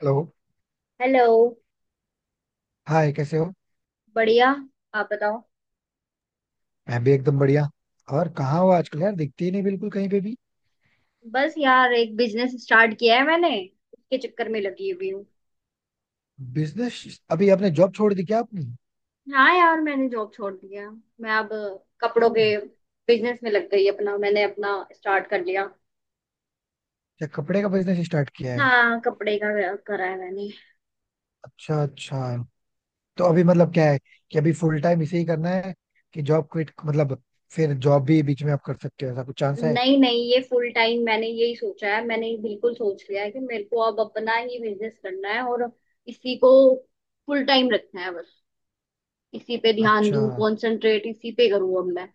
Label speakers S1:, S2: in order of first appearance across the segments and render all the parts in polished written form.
S1: Hello.
S2: Hello.
S1: Hi कैसे हो।
S2: बढ़िया। आप बताओ।
S1: मैं भी एकदम बढ़िया। और कहाँ हो आजकल यार, दिखती ही नहीं बिल्कुल कहीं पे भी।
S2: बस यार एक बिजनेस स्टार्ट किया है मैंने। उसके चक्कर में लगी हुई हूँ।
S1: बिजनेस, अभी आपने जॉब छोड़ दी क्या आपने?
S2: हाँ यार मैंने जॉब छोड़ दिया। मैं अब कपड़ों
S1: क्यों?
S2: के बिजनेस में लग गई, अपना मैंने अपना स्टार्ट कर लिया।
S1: क्या कपड़े का बिजनेस स्टार्ट किया है?
S2: हाँ कपड़े का करा है मैंने।
S1: अच्छा अच्छा। तो अभी मतलब क्या है कि अभी फुल टाइम इसे ही करना है, कि जॉब क्विट मतलब फिर जॉब भी बीच में आप कर सकते हो ऐसा कुछ चांस है?
S2: नहीं नहीं, ये फुल टाइम, मैंने यही सोचा है, मैंने बिल्कुल सोच लिया है कि मेरे को अब अपना ही बिजनेस करना है और इसी को फुल टाइम रखना है। बस इसी पे ध्यान
S1: अच्छा
S2: दूं, कंसंट्रेट इसी पे करूँ अब मैं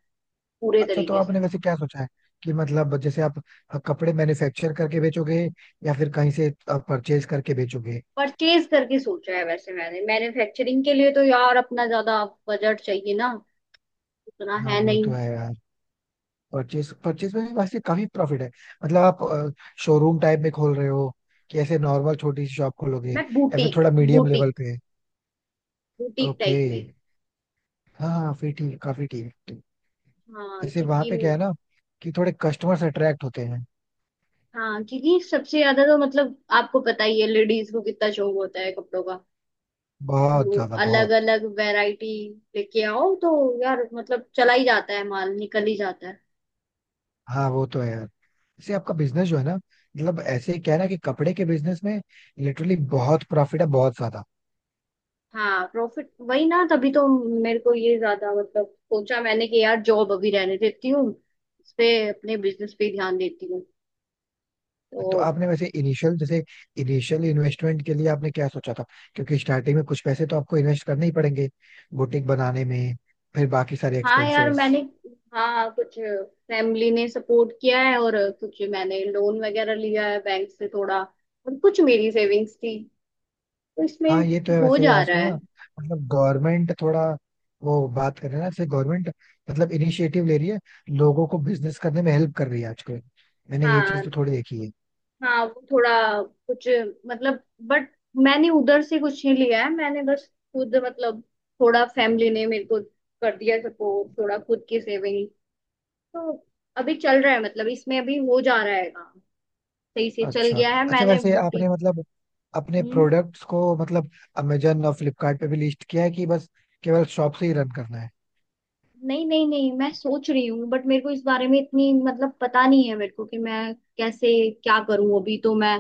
S2: पूरे
S1: अच्छा। तो
S2: तरीके से।
S1: आपने वैसे क्या सोचा है, कि मतलब जैसे आप कपड़े मैन्युफैक्चर करके बेचोगे या फिर कहीं से परचेज करके बेचोगे?
S2: परचेज करके सोचा है वैसे मैंने, मैन्युफैक्चरिंग के लिए तो यार अपना ज्यादा बजट चाहिए ना, उतना
S1: हाँ
S2: है
S1: वो
S2: नहीं।
S1: तो है यार। परचेज, परचेज में भी वैसे काफी प्रॉफिट है। मतलब आप शोरूम टाइप में खोल रहे हो, कि ऐसे नॉर्मल छोटी सी शॉप खोलोगे
S2: मैं
S1: या फिर
S2: बुटीक,
S1: थोड़ा मीडियम लेवल
S2: बुटीक
S1: पे?
S2: Boutique
S1: okay.
S2: टाइप में।
S1: हाँ हाँ फिर ठीक है, काफी ठीक है, ठीक।
S2: हाँ
S1: जैसे वहां
S2: क्योंकि,
S1: पे क्या है ना, कि थोड़े कस्टमर्स अट्रैक्ट होते हैं।
S2: हाँ क्योंकि सबसे ज्यादा तो मतलब आपको पता ही है लेडीज को कितना शौक होता है कपड़ों का।
S1: बहुत
S2: तो
S1: ज्यादा,
S2: अलग
S1: बहुत।
S2: अलग वैरायटी लेके आओ तो यार मतलब चला ही जाता है, माल निकल ही जाता है।
S1: हाँ वो तो है यार। जैसे आपका बिजनेस जो है ना, मतलब ऐसे ही क्या है ना कि कपड़े के बिजनेस में लिटरली बहुत प्रॉफिट है, बहुत ज्यादा।
S2: हाँ प्रॉफिट वही ना, तभी तो मेरे को ये ज्यादा मतलब सोचा मैंने कि यार जॉब अभी रहने देती हूँ, इस पे, अपने बिजनेस पे ध्यान देती हूँ तो।
S1: तो आपने वैसे इनिशियल, जैसे इनिशियल इन्वेस्टमेंट के लिए आपने क्या सोचा था? क्योंकि स्टार्टिंग में कुछ पैसे तो आपको इन्वेस्ट करने ही पड़ेंगे बुटीक बनाने में, फिर बाकी सारे
S2: हाँ यार
S1: एक्सपेंसेस।
S2: मैंने, हाँ कुछ फैमिली ने सपोर्ट किया है और कुछ मैंने लोन वगैरह लिया है बैंक से थोड़ा, और कुछ मेरी सेविंग्स थी, तो इसमें
S1: हाँ ये तो है
S2: हो
S1: वैसे
S2: जा
S1: यार।
S2: रहा
S1: सुनो ना,
S2: है।
S1: मतलब गवर्नमेंट थोड़ा, वो बात कर रहे हैं ना जैसे गवर्नमेंट मतलब इनिशिएटिव ले रही है, लोगों को बिजनेस करने में हेल्प कर रही है आजकल। मैंने ये चीज
S2: हाँ।
S1: तो थोड़ी देखी है।
S2: हाँ वो थोड़ा कुछ मतलब, बट मैंने उधर से कुछ नहीं लिया है, मैंने बस खुद मतलब थोड़ा फैमिली ने मेरे को कर दिया सपोर्ट, थोड़ा खुद की सेविंग, तो अभी चल रहा है मतलब, इसमें अभी हो जा रहा है काम, सही से चल
S1: अच्छा
S2: गया है
S1: अच्छा।
S2: मैंने
S1: वैसे आपने
S2: बुटीक।
S1: मतलब अपने
S2: हम्म
S1: प्रोडक्ट्स को मतलब अमेजन और फ्लिपकार्ट पे भी लिस्ट किया है, कि बस केवल शॉप से ही रन करना है?
S2: नहीं नहीं नहीं, मैं सोच रही हूँ बट मेरे को इस बारे में इतनी मतलब पता नहीं है, मेरे को कि मैं कैसे क्या करूँ। अभी तो मैं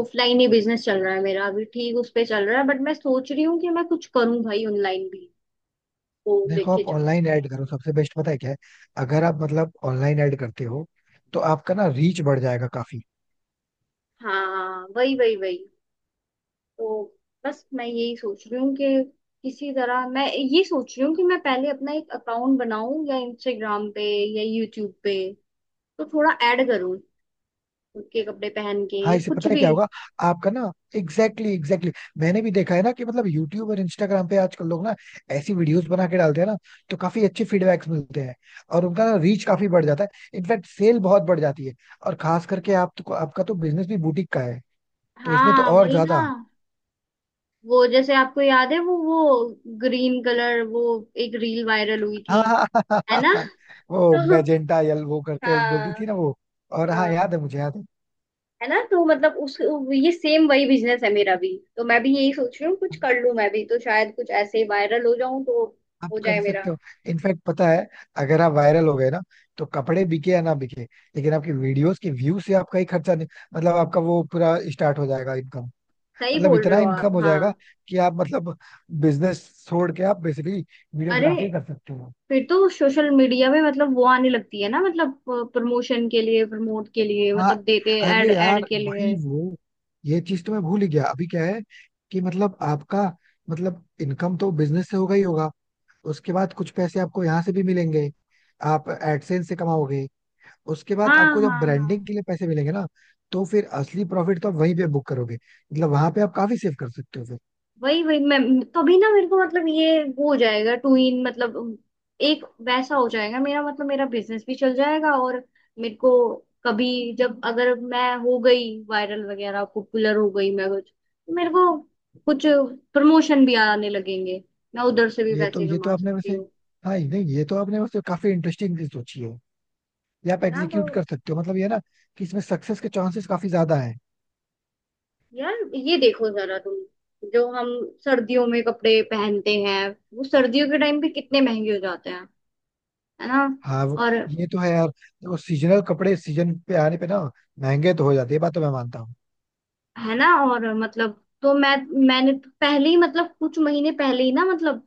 S2: ऑफलाइन ही बिजनेस चल रहा है मेरा, अभी ठीक उस पे चल रहा है, बट मैं सोच रही हूँ कि मैं कुछ करूँ भाई ऑनलाइन भी, वो
S1: देखो,
S2: लेके
S1: आप
S2: जाओ।
S1: ऑनलाइन ऐड करो सबसे बेस्ट, पता है क्या है? अगर आप मतलब ऑनलाइन ऐड करते हो तो आपका ना रीच बढ़ जाएगा काफी।
S2: हाँ वही वही वही, तो बस मैं यही सोच रही हूँ कि किसी तरह, मैं ये सोच रही हूँ कि मैं पहले अपना एक अकाउंट बनाऊं या इंस्टाग्राम पे या यूट्यूब पे, तो थोड़ा ऐड करूँ खुद के कपड़े पहन के
S1: हाँ,
S2: या
S1: इसे
S2: कुछ
S1: पता है
S2: भी।
S1: क्या होगा आपका ना। Exactly exactly. मैंने भी देखा है ना कि मतलब यूट्यूब और इंस्टाग्राम पे आजकल लोग ना ऐसी वीडियोस बना के डालते हैं ना, तो काफी अच्छे फीडबैक्स मिलते हैं और उनका ना रीच काफी बढ़ जाता है, इनफैक्ट सेल बहुत बढ़ जाती है। और खास करके आप तो, आपका तो बिजनेस भी बुटीक का है, तो इसमें तो
S2: हाँ
S1: और
S2: वही ना,
S1: ज्यादा।
S2: वो जैसे आपको याद है, वो ग्रीन कलर, वो एक रील वायरल हुई
S1: हाँ
S2: थी,
S1: हाँ हाँ, हाँ,
S2: है
S1: हाँ,
S2: ना।
S1: हाँ। वो
S2: तो
S1: मैजेंटा यल वो करके बोलती
S2: हाँ।
S1: थी ना वो। और हाँ
S2: हाँ
S1: याद है मुझे, याद
S2: है ना, तो मतलब उस, ये सेम वही बिजनेस है मेरा भी, तो मैं भी यही सोच रही हूँ कुछ
S1: है।
S2: कर लूँ मैं भी तो, शायद कुछ ऐसे ही वायरल हो जाऊं तो
S1: आप
S2: हो
S1: कर
S2: जाए
S1: सकते
S2: मेरा।
S1: हो। इनफैक्ट पता है, अगर आप वायरल हो गए ना, तो कपड़े बिके या ना बिके, लेकिन आपकी वीडियोस के व्यू से आपका ही खर्चा नहीं, मतलब आपका वो पूरा स्टार्ट हो जाएगा इनकम।
S2: सही
S1: मतलब
S2: बोल रहे
S1: इतना
S2: हो आप,
S1: इनकम हो जाएगा
S2: हाँ।
S1: कि आप मतलब बिजनेस छोड़ के आप बेसिकली
S2: अरे,
S1: वीडियोग्राफी कर सकते हो।
S2: फिर तो सोशल मीडिया में मतलब वो आने लगती है ना मतलब, प्रमोशन के लिए, प्रमोट के लिए
S1: हाँ।
S2: मतलब, देते ऐड,
S1: अरे
S2: ऐड
S1: यार
S2: के
S1: वही
S2: लिए।
S1: वो, ये चीज तो मैं भूल ही गया। अभी क्या है कि मतलब आपका, मतलब इनकम तो बिजनेस से होगा ही होगा, उसके बाद कुछ पैसे आपको यहाँ से भी मिलेंगे, आप एडसेंस से कमाओगे। उसके बाद
S2: हाँ
S1: आपको जब
S2: हाँ
S1: ब्रांडिंग
S2: हाँ,
S1: के लिए पैसे मिलेंगे ना, तो फिर असली प्रॉफिट तो आप वहीं पे बुक करोगे, मतलब वहां पे आप काफी सेव कर सकते हो फिर।
S2: वही वही, मैं, तभी ना मेरे को मतलब ये वो हो जाएगा टू इन मतलब, एक वैसा हो जाएगा, मेरा मतलब मेरा बिजनेस भी चल जाएगा, और मेरे को कभी, जब अगर मैं हो गई वायरल वगैरह, पॉपुलर हो गई मैं कुछ, तो मेरे को कुछ प्रमोशन भी आने लगेंगे, मैं उधर से भी
S1: ये तो
S2: पैसे
S1: ये तो
S2: कमा
S1: आपने
S2: सकती
S1: वैसे,
S2: हूँ।
S1: हाँ नहीं ये तो आपने वैसे काफी इंटरेस्टिंग चीज सोची है। ये आप
S2: है ना, तो
S1: एग्जीक्यूट कर सकते हो, मतलब ये ना, कि इसमें सक्सेस के चांसेस काफी ज्यादा है।
S2: यार ये देखो जरा तुम, जो हम सर्दियों में कपड़े पहनते हैं वो सर्दियों के टाइम पे कितने महंगे हो जाते हैं, है ना।
S1: हाँ वो।
S2: और,
S1: ये तो है यार। देखो, सीजनल कपड़े सीजन पे आने पे ना महंगे तो हो जाते हैं, ये बात तो मैं मानता हूँ।
S2: है ना और मतलब, तो मैं, मैंने तो पहले ही मतलब कुछ महीने पहले ही ना मतलब,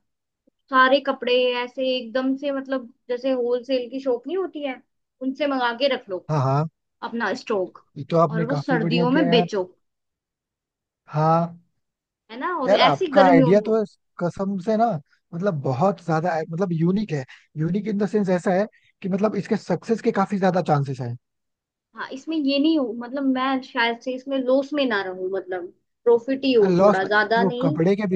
S2: सारे कपड़े ऐसे एकदम से मतलब, जैसे होलसेल की शॉप नहीं होती है, उनसे मंगा के रख लो,
S1: हाँ। हाँ
S2: अपना स्टॉक,
S1: ये तो
S2: और
S1: आपने
S2: वो
S1: काफी बढ़िया
S2: सर्दियों
S1: किया
S2: में
S1: यार।
S2: बेचो।
S1: हाँ।
S2: है ना, और
S1: यार
S2: ऐसी
S1: आपका
S2: गर्मियों
S1: आइडिया
S2: में।
S1: तो है, कसम से ना, मतलब बहुत ज्यादा है, मतलब यूनिक है। यूनिक इन द सेंस ऐसा है, कि मतलब इसके सक्सेस के काफी ज्यादा चांसेस हैं।
S2: हाँ इसमें ये नहीं हो मतलब, मैं शायद से इसमें लॉस में ना रहूं मतलब, प्रॉफिट ही हो
S1: लॉस
S2: थोड़ा
S1: में?
S2: ज्यादा
S1: देखो
S2: नहीं।
S1: कपड़े के,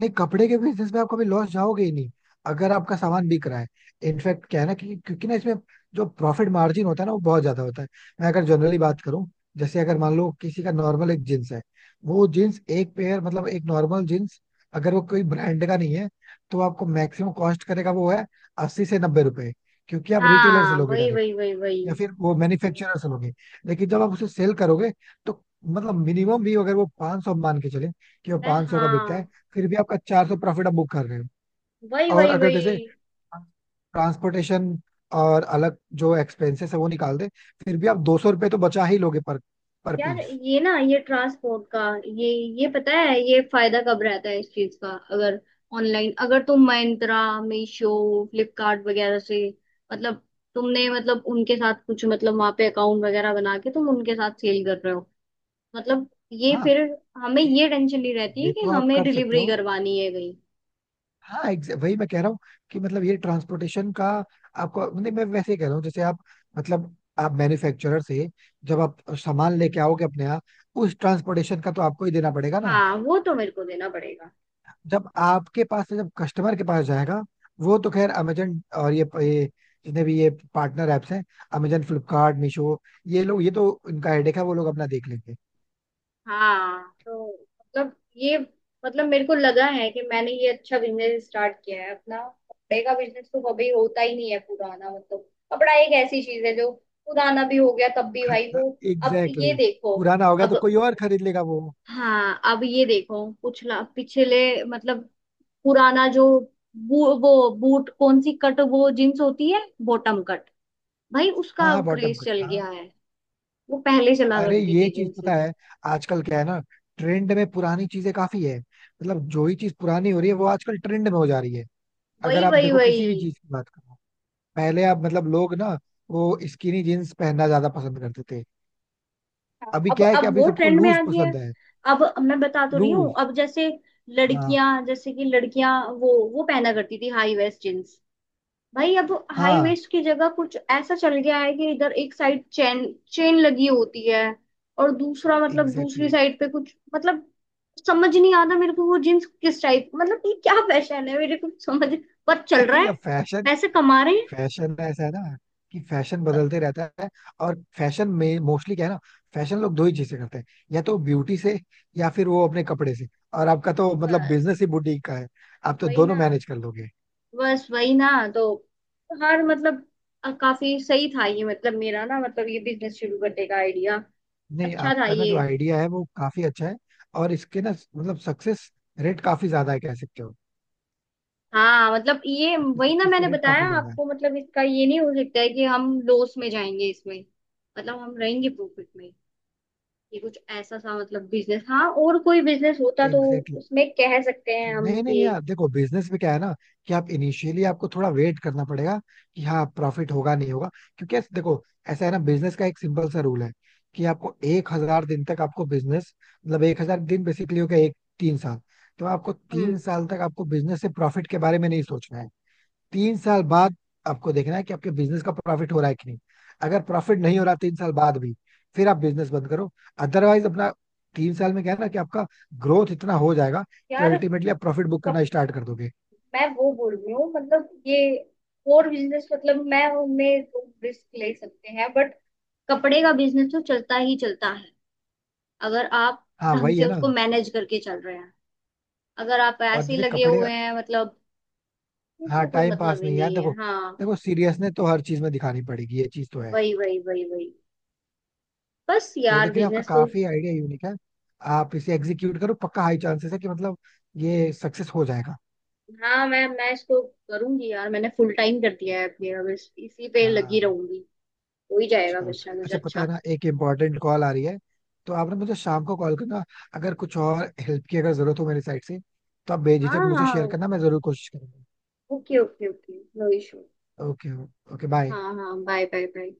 S1: नहीं कपड़े के बिजनेस में आप कभी लॉस जाओगे ही नहीं, अगर आपका सामान बिक रहा है। इनफैक्ट क्या है ना, कि क्योंकि ना इसमें जो प्रॉफिट मार्जिन होता है ना, वो बहुत ज्यादा होता है। मैं अगर जनरली बात करूं, जैसे अगर मान लो किसी का नॉर्मल एक जींस है, वो जींस एक पेयर मतलब एक नॉर्मल जींस, अगर वो कोई ब्रांड का नहीं है, तो आपको मैक्सिमम कॉस्ट करेगा वो है ₹80 से ₹90, क्योंकि आप रिटेलर से
S2: हाँ,
S1: लोगे
S2: वही
S1: डायरेक्ट
S2: वही वही वही
S1: या फिर वो मैन्युफैक्चरर्स लोगे। लेकिन जब आप उसे सेल करोगे, तो मतलब मिनिमम भी अगर वो 500 सौ मान के चले, कि वो
S2: मैं,
S1: 500 का बिकता है,
S2: हाँ,
S1: फिर भी आपका 400 प्रॉफिट आप बुक कर रहे हो।
S2: वही
S1: और
S2: वही
S1: अगर
S2: वही
S1: जैसे ट्रांसपोर्टेशन और अलग जो एक्सपेंसेस है वो निकाल दे, फिर भी आप ₹200 तो बचा ही लोगे, पर
S2: यार
S1: पीस।
S2: ये ना, ये ट्रांसपोर्ट का, ये ये पता है ये फायदा कब रहता है इस चीज का। अगर ऑनलाइन, अगर तुम Myntra, मीशो, फ्लिपकार्ट वगैरह से, मतलब तुमने मतलब उनके साथ कुछ मतलब वहां पे अकाउंट वगैरह बना के तुम उनके साथ सेल कर रहे हो, मतलब ये
S1: हाँ
S2: फिर हमें ये टेंशन नहीं रहती है
S1: ये
S2: कि
S1: तो आप
S2: हमें
S1: कर सकते
S2: डिलीवरी
S1: हो।
S2: करवानी है कहीं।
S1: हाँ वही मैं कह रहा हूँ, कि मतलब ये ट्रांसपोर्टेशन का आपको नहीं, मैं वैसे ही कह रहा हूँ जैसे आप मतलब आप मैन्युफैक्चरर से जब आप सामान लेके आओगे अपने यहाँ, उस ट्रांसपोर्टेशन का तो आपको ही देना पड़ेगा ना।
S2: हाँ वो तो मेरे को देना पड़ेगा।
S1: जब आपके पास से जब कस्टमर के पास जाएगा, वो तो खैर अमेजन और ये जितने भी ये पार्टनर ऐप्स हैं, अमेजन फ्लिपकार्ट मीशो, ये लोग ये तो इनका हेडेक है, वो लोग अपना देख लेंगे।
S2: हाँ तो मतलब ये मतलब, मेरे को लगा है कि मैंने ये अच्छा बिजनेस स्टार्ट किया है अपना। कपड़े का बिजनेस तो कभी होता ही नहीं है पुराना, मतलब कपड़ा एक ऐसी चीज है जो पुराना भी हो गया तब भी भाई वो,
S1: एग्जैक्टली
S2: अब ये
S1: exactly।
S2: देखो,
S1: पुराना होगा
S2: अब,
S1: तो कोई और खरीद लेगा वो।
S2: हाँ अब ये देखो, पिछला पिछले मतलब, पुराना जो, वो बूट कौन सी कट वो जींस होती है, बॉटम कट, भाई
S1: हाँ
S2: उसका
S1: हाँ
S2: अब
S1: बॉटम
S2: क्रेज
S1: कट।
S2: चल गया है। वो पहले चला
S1: अरे
S2: करती
S1: ये
S2: थी
S1: चीज पता
S2: जींसेस।
S1: है, आजकल क्या है ना, ट्रेंड में पुरानी चीजें काफी है, मतलब जो ही चीज पुरानी हो रही है वो आजकल ट्रेंड में हो जा रही है। अगर
S2: वही
S1: आप
S2: वही
S1: देखो किसी भी
S2: वही।
S1: चीज की बात करो, पहले आप मतलब लोग ना वो स्किनी जीन्स पहनना ज्यादा पसंद करते थे।
S2: हाँ,
S1: अभी क्या है कि
S2: अब
S1: अभी
S2: वो
S1: सबको
S2: ट्रेंड में
S1: लूज
S2: आ गया है।
S1: पसंद है।
S2: अब मैं बता तो रही हूँ,
S1: लूज।
S2: अब जैसे
S1: हाँ
S2: लड़कियां, जैसे कि लड़कियां वो पहना करती थी हाई वेस्ट जींस, भाई अब हाई
S1: हाँ
S2: वेस्ट की जगह कुछ ऐसा चल गया है कि इधर एक साइड चेन, चेन लगी होती है, और दूसरा मतलब दूसरी
S1: एग्जैक्टली।
S2: साइड पे कुछ मतलब, समझ नहीं आता मेरे को वो जींस किस टाइप, मतलब ये क्या फैशन है मेरे को समझ, पर चल रहा
S1: नहीं,
S2: है,
S1: अब फैशन,
S2: पैसे कमा रहे हैं।
S1: फैशन ऐसा है ना कि फैशन
S2: ब-
S1: बदलते रहता है। और फैशन में मोस्टली क्या है ना, फैशन लोग दो ही चीजें करते हैं, या तो ब्यूटी से या फिर वो अपने कपड़े से। और आपका तो मतलब
S2: बस
S1: बिजनेस ही बुटीक का है, आप तो
S2: वही
S1: दोनों
S2: ना,
S1: मैनेज कर लोगे।
S2: बस वही ना तो, हर मतलब, काफी सही था ये मतलब मेरा ना, मतलब ये बिजनेस शुरू करने का आइडिया
S1: नहीं,
S2: अच्छा था
S1: आपका ना
S2: ये।
S1: जो आइडिया है वो काफी अच्छा है। और इसके ना मतलब सक्सेस रेट काफी ज्यादा है, कह सकते हो।
S2: हाँ मतलब ये
S1: इसके
S2: वही ना,
S1: सक्सेस के
S2: मैंने
S1: रेट
S2: बताया
S1: काफी ज्यादा है।
S2: आपको मतलब इसका ये नहीं हो सकता है कि हम लॉस में जाएंगे इसमें, मतलब हम रहेंगे प्रॉफिट में। ये कुछ ऐसा सा मतलब बिजनेस, हाँ और कोई बिजनेस होता तो
S1: एग्जैक्टली।
S2: उसमें कह सकते हैं हम
S1: नहीं नहीं
S2: कि।
S1: यार देखो, बिजनेस में क्या है ना कि आप इनिशियली आपको थोड़ा वेट करना पड़ेगा, कि हाँ प्रॉफिट होगा नहीं होगा। क्योंकि देखो ऐसा है ना, बिजनेस का एक सिंपल सा रूल है, कि आपको 1,000 दिन तक आपको बिजनेस, मतलब 1,000 दिन बेसिकली हो गया एक 3 साल, तो आपको
S2: हम्म।
S1: 3 साल तक आपको बिजनेस से प्रॉफिट के बारे में नहीं सोचना है। 3 साल बाद आपको देखना है कि आपके बिजनेस का प्रॉफिट हो रहा है कि नहीं। अगर प्रॉफिट नहीं हो रहा 3 साल बाद भी, फिर आप बिजनेस बंद करो अदरवाइज अपना। 3 साल में क्या है ना, कि आपका ग्रोथ इतना हो जाएगा, कि
S2: यार
S1: अल्टीमेटली आप प्रॉफिट बुक
S2: कब,
S1: करना स्टार्ट कर दोगे।
S2: मैं वो बोल रही हूँ मतलब ये, और बिजनेस मतलब मैं उनमें रिस्क ले सकते हैं, बट कपड़े का बिजनेस तो चलता ही चलता है, अगर आप
S1: हाँ
S2: ढंग
S1: वही
S2: से
S1: है ना।
S2: उसको मैनेज करके चल रहे हैं, अगर आप
S1: और
S2: ऐसे ही
S1: जैसे
S2: लगे
S1: कपड़े।
S2: हुए हैं मतलब, ये तो
S1: हाँ
S2: कोई
S1: टाइम
S2: मतलब
S1: पास
S2: ही
S1: नहीं यार।
S2: नहीं
S1: देखो,
S2: है। हाँ,
S1: देखो सीरियसनेस तो हर चीज में दिखानी पड़ेगी, ये चीज तो है।
S2: वही वही वही वही। बस
S1: तो
S2: यार,
S1: लेकिन आपका
S2: बिजनेस तो,
S1: काफी आइडिया यूनिक है। आप इसे एग्जीक्यूट करो पक्का, हाई चांसेस है कि मतलब ये सक्सेस हो जाएगा।
S2: हाँ मैं इसको करूंगी यार, मैंने फुल टाइम कर दिया है मेरा, बस इसी पे लगी
S1: हाँ।
S2: रहूंगी। हो ही जाएगा
S1: चलो।
S2: बस शायद मुझे,
S1: अच्छा पता है
S2: अच्छा।
S1: ना, एक इम्पोर्टेंट कॉल आ रही है, तो आप ना मुझे शाम को कॉल करना। अगर कुछ और हेल्प की अगर जरूरत हो मेरी साइड से, तो आप बेझिझक
S2: हाँ
S1: मुझे
S2: हाँ,
S1: शेयर करना, मैं जरूर कोशिश करूंगा।
S2: Okay okay okay, no issue.
S1: Okay. Okay bye.
S2: हाँ हाँ, बाय बाय बाय।